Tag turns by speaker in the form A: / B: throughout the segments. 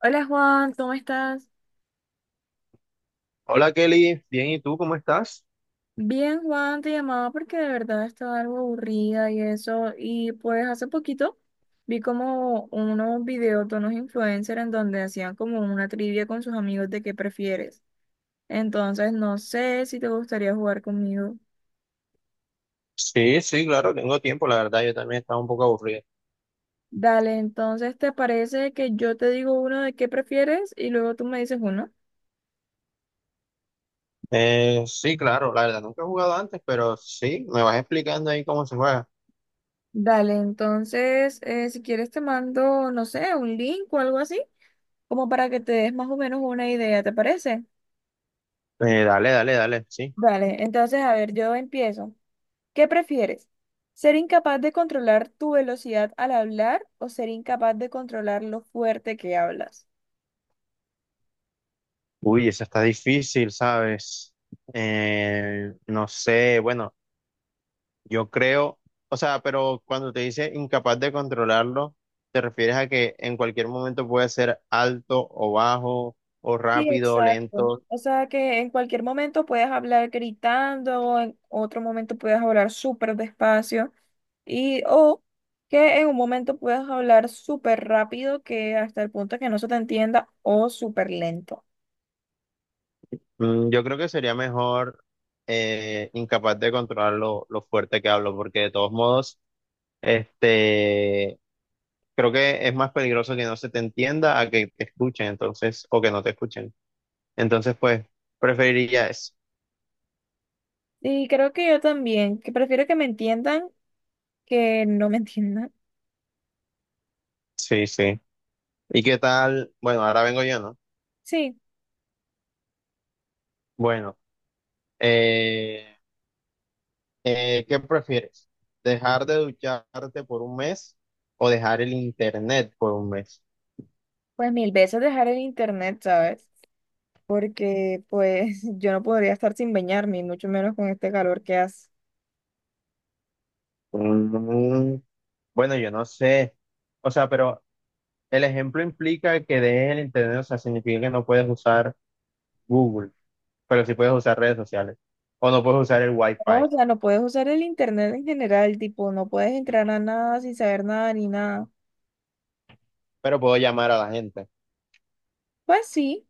A: Hola Juan, ¿cómo estás?
B: Hola Kelly, bien, ¿y tú cómo estás?
A: Bien, Juan, te llamaba porque de verdad estaba algo aburrida y eso. Y pues hace poquito vi como unos videos de unos influencers en donde hacían como una trivia con sus amigos de qué prefieres. Entonces no sé si te gustaría jugar conmigo.
B: Sí, sí, claro, tengo tiempo, la verdad, yo también estaba un poco aburrido.
A: Dale, entonces ¿te parece que yo te digo uno de qué prefieres y luego tú me dices uno?
B: Sí, claro, la verdad, nunca he jugado antes, pero sí, me vas explicando ahí cómo se juega.
A: Dale, entonces si quieres te mando, no sé, un link o algo así, como para que te des más o menos una idea, ¿te parece?
B: Dale, dale, dale, sí.
A: Vale, entonces, a ver, yo empiezo. ¿Qué prefieres? ¿Ser incapaz de controlar tu velocidad al hablar o ser incapaz de controlar lo fuerte que hablas?
B: Uy, esa está difícil, ¿sabes? No sé, bueno, yo creo, o sea, pero cuando te dice incapaz de controlarlo, ¿te refieres a que en cualquier momento puede ser alto o bajo, o
A: Sí,
B: rápido o
A: exacto.
B: lento?
A: O sea que en cualquier momento puedes hablar gritando, o en otro momento puedes hablar súper despacio, y o que en un momento puedas hablar súper rápido que hasta el punto que no se te entienda, o súper lento.
B: Mm, yo creo que sería mejor incapaz de controlar lo fuerte que hablo, porque de todos modos, este, creo que es más peligroso que no se te entienda a que te escuchen, entonces, o que no te escuchen. Entonces, pues, preferiría eso.
A: Y creo que yo también, que prefiero que me entiendan que no me entiendan.
B: Sí, sí. ¿Y qué tal? Bueno, ahora vengo yo, ¿no?
A: Sí.
B: Bueno, eh, ¿qué prefieres? ¿Dejar de ducharte por un mes o dejar el internet por un mes?
A: Pues mil veces dejar el internet, ¿sabes? Porque pues yo no podría estar sin bañarme, y mucho menos con este calor que hace.
B: Mm, bueno, yo no sé. O sea, pero el ejemplo implica que dejes el internet, o sea, significa que no puedes usar Google, pero sí puedes usar redes sociales. O no puedes usar el
A: No,
B: Wi-Fi,
A: o sea, no puedes usar el internet en general, tipo, no puedes entrar a nada sin saber nada ni nada.
B: pero puedo llamar a la gente.
A: Pues sí,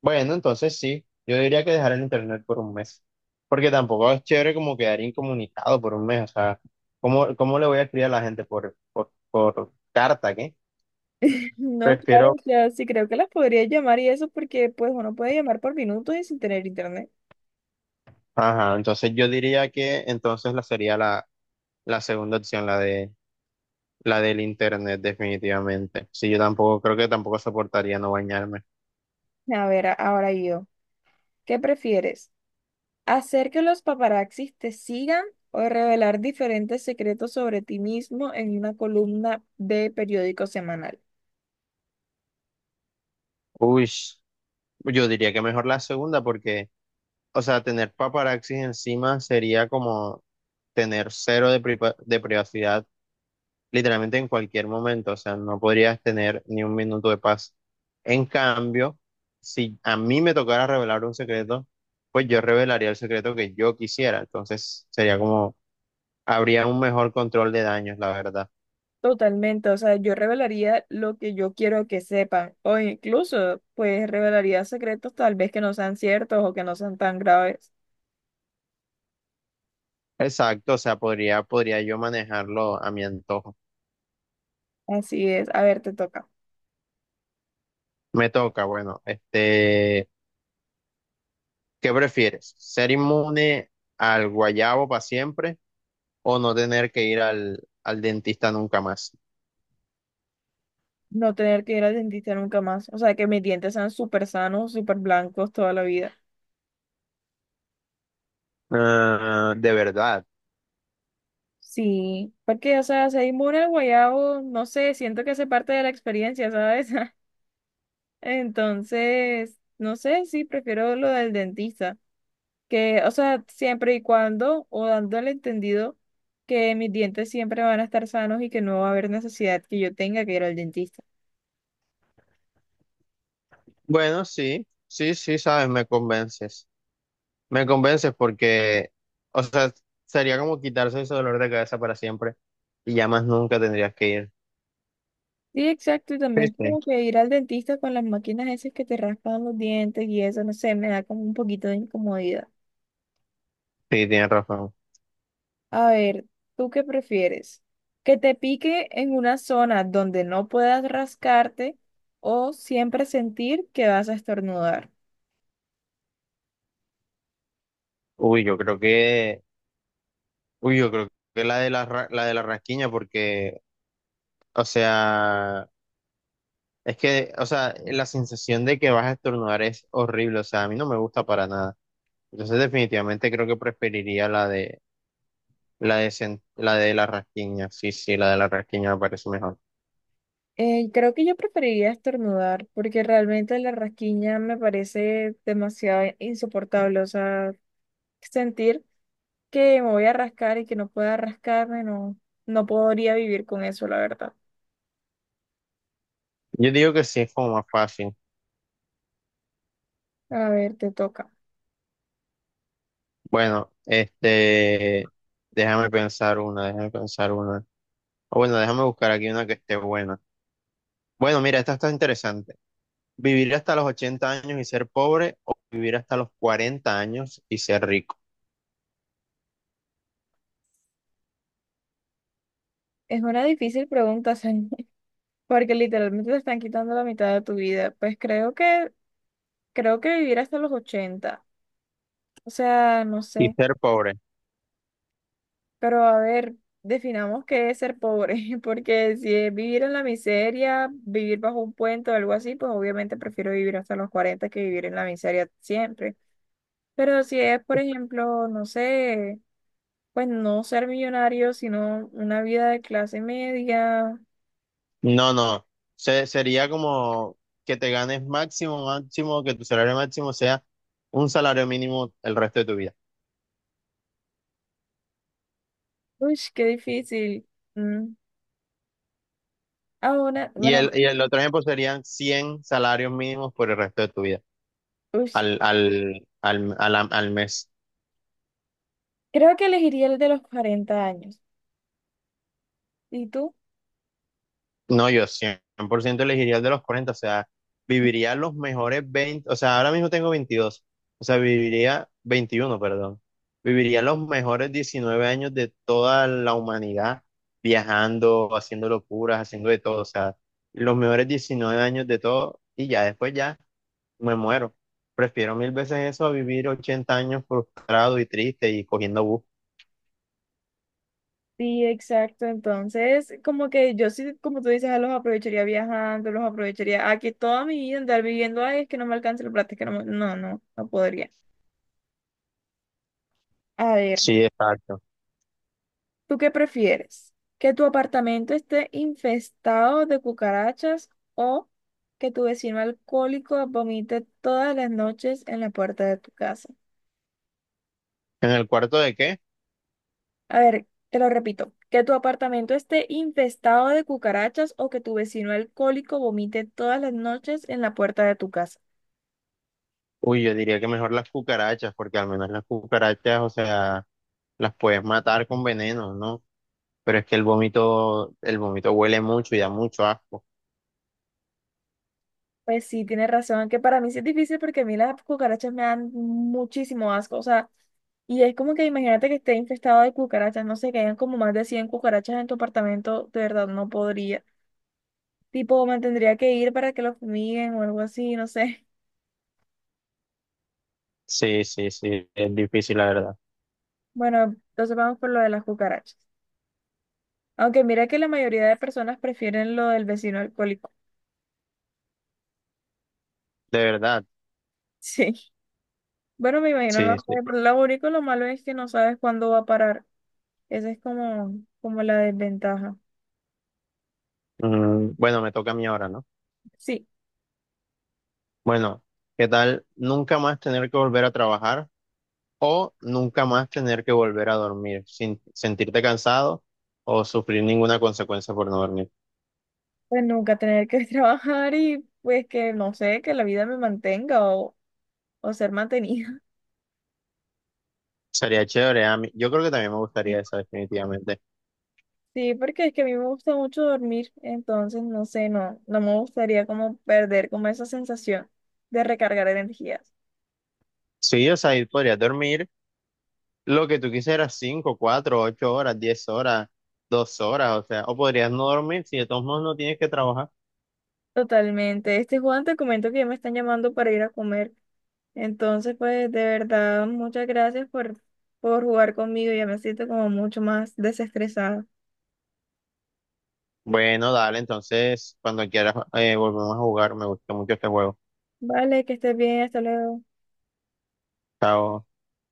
B: Bueno, entonces sí, yo diría que dejar el internet por un mes. Porque tampoco es chévere como quedar incomunicado por un mes. O sea, ¿cómo le voy a escribir a la gente por carta, ¿qué?
A: no, claro,
B: Prefiero,
A: o sea, sí creo que las podría llamar y eso porque pues uno puede llamar por minutos y sin tener internet.
B: ajá, entonces yo diría que entonces la segunda opción, la del internet, definitivamente. Sí, yo tampoco, creo que tampoco soportaría no bañarme.
A: A ver, ahora yo, ¿qué prefieres? ¿Hacer que los paparazzis te sigan o revelar diferentes secretos sobre ti mismo en una columna de periódico semanal?
B: Uy, yo diría que mejor la segunda porque, o sea, tener paparazzis encima sería como tener cero de privacidad literalmente en cualquier momento. O sea, no podrías tener ni un minuto de paz. En cambio, si a mí me tocara revelar un secreto, pues yo revelaría el secreto que yo quisiera. Entonces, sería como, habría un mejor control de daños, la verdad.
A: Totalmente, o sea, yo revelaría lo que yo quiero que sepan, o incluso, pues, revelaría secretos tal vez que no sean ciertos o que no sean tan graves.
B: Exacto, o sea, podría yo manejarlo a mi antojo.
A: Así es, a ver, te toca.
B: Me toca, bueno, este, ¿qué prefieres? ¿Ser inmune al guayabo para siempre o no tener que ir al dentista nunca más?
A: No tener que ir al dentista nunca más, o sea, que mis dientes sean súper sanos, súper blancos toda la vida.
B: Ah, ¿de verdad?
A: Sí, porque, o sea, ser inmune al guayabo, no sé, siento que hace parte de la experiencia, ¿sabes? Entonces, no sé, sí, prefiero lo del dentista, que, o sea, siempre y cuando, o dando el entendido que mis dientes siempre van a estar sanos y que no va a haber necesidad que yo tenga que ir al dentista.
B: Bueno, sí, sí, sí, sabes, me convences. Me convences porque, o sea, sería como quitarse ese dolor de cabeza para siempre y ya más nunca tendrías que ir.
A: Sí, exacto, y
B: Sí,
A: también
B: sí, sí,
A: como que ir al dentista con las máquinas esas que te raspan los dientes y eso, no sé, me da como un poquito de incomodidad.
B: tienes razón.
A: A ver, ¿tú qué prefieres? ¿Que te pique en una zona donde no puedas rascarte o siempre sentir que vas a estornudar?
B: Uy, yo creo que... Uy, yo creo que la de la de la rasquiña, porque, o sea, es que, o sea, la sensación de que vas a estornudar es horrible, o sea, a mí no me gusta para nada. Entonces, definitivamente creo que preferiría la de la de la rasquiña. Sí, sí, la de la rasquiña me parece mejor.
A: Creo que yo preferiría estornudar porque realmente la rasquiña me parece demasiado insoportable. O sea, sentir que me voy a rascar y que no pueda rascarme, no podría vivir con eso, la verdad.
B: Yo digo que sí es como más fácil.
A: A ver, te toca.
B: Bueno, este, déjame pensar una. O bueno, déjame buscar aquí una que esté buena. Bueno, mira, esta está interesante. Vivir hasta los 80 años y ser pobre o vivir hasta los 40 años y ser rico.
A: Es una difícil pregunta, Sani, porque literalmente te están quitando la mitad de tu vida. Pues creo que vivir hasta los 80. O sea, no
B: Y
A: sé.
B: ser pobre.
A: Pero a ver, definamos qué es ser pobre, porque si es vivir en la miseria, vivir bajo un puente o algo así, pues obviamente prefiero vivir hasta los 40 que vivir en la miseria siempre. Pero si es, por ejemplo, no sé, pues no ser millonario, sino una vida de clase media,
B: No, no. Se- sería como que te ganes máximo, que tu salario máximo sea un salario mínimo el resto de tu vida.
A: uy, qué difícil. Mm. Ahora,
B: Y el,
A: bueno,
B: y el otro ejemplo serían 100 salarios mínimos por el resto de tu vida,
A: uy,
B: al mes.
A: creo que elegiría el de los 40 años. ¿Y tú?
B: No, yo 100 por ciento elegiría el de los 40, o sea, viviría los mejores 20, o sea, ahora mismo tengo 22, o sea, viviría 21, perdón, viviría los mejores 19 años de toda la humanidad, viajando, haciendo locuras, haciendo de todo, o sea, los mejores 19 años de todo y ya después ya me muero. Prefiero mil veces eso a vivir 80 años frustrado y triste y cogiendo bus.
A: Sí, exacto. Entonces, como que yo sí, como tú dices, ah, los aprovecharía viajando, los aprovecharía. Aquí toda mi vida andar viviendo, ay, es que no me alcanza el plata, es que no, no, no podría. A ver,
B: Sí, exacto.
A: ¿tú qué prefieres? ¿Que tu apartamento esté infestado de cucarachas o que tu vecino alcohólico vomite todas las noches en la puerta de tu casa?
B: ¿En el cuarto de qué?
A: A ver, te lo repito, que tu apartamento esté infestado de cucarachas o que tu vecino alcohólico vomite todas las noches en la puerta de tu casa.
B: Uy, yo diría que mejor las cucarachas, porque al menos las cucarachas, o sea, las puedes matar con veneno, ¿no? Pero es que el vómito huele mucho y da mucho asco.
A: Pues sí, tienes razón, que para mí sí es difícil porque a mí las cucarachas me dan muchísimo asco, o sea, y es como que imagínate que esté infestado de cucarachas, no sé, que hayan como más de 100 cucarachas en tu apartamento, de verdad no podría. Tipo, me tendría que ir para que lo fumiguen o algo así, no sé.
B: Sí, sí, sí, es difícil, la verdad.
A: Bueno, entonces vamos por lo de las cucarachas. Aunque mira que la mayoría de personas prefieren lo del vecino alcohólico.
B: De verdad,
A: Sí. Bueno, me imagino, no
B: sí,
A: sé,
B: sí.
A: pero lo único, lo malo es que no sabes cuándo va a parar. Esa es como, como la desventaja.
B: Mm, bueno, me toca a mí ahora, ¿no?
A: Sí.
B: Bueno, ¿qué tal nunca más tener que volver a trabajar o nunca más tener que volver a dormir sin sentirte cansado o sufrir ninguna consecuencia por no dormir?
A: Pues nunca tener que trabajar y pues que no sé, que la vida me mantenga o ser mantenida.
B: Sería chévere, a mí. Yo creo que también me gustaría esa, definitivamente.
A: Sí, porque es que a mí me gusta mucho dormir, entonces no sé, no me gustaría como perder como esa sensación de recargar energías.
B: Sí, o sea, ahí podrías dormir lo que tú quisieras, 5 4 8 horas, 10 horas, 2 horas, o sea, o podrías no dormir si de todos modos no tienes que trabajar.
A: Totalmente. Este Juan, te comento que ya me están llamando para ir a comer. Entonces, pues de verdad, muchas gracias por jugar conmigo. Ya me siento como mucho más desestresada.
B: Bueno, dale, entonces, cuando quieras, volvemos a jugar, me gusta mucho este juego.
A: Vale, que estés bien, hasta luego.
B: Chao.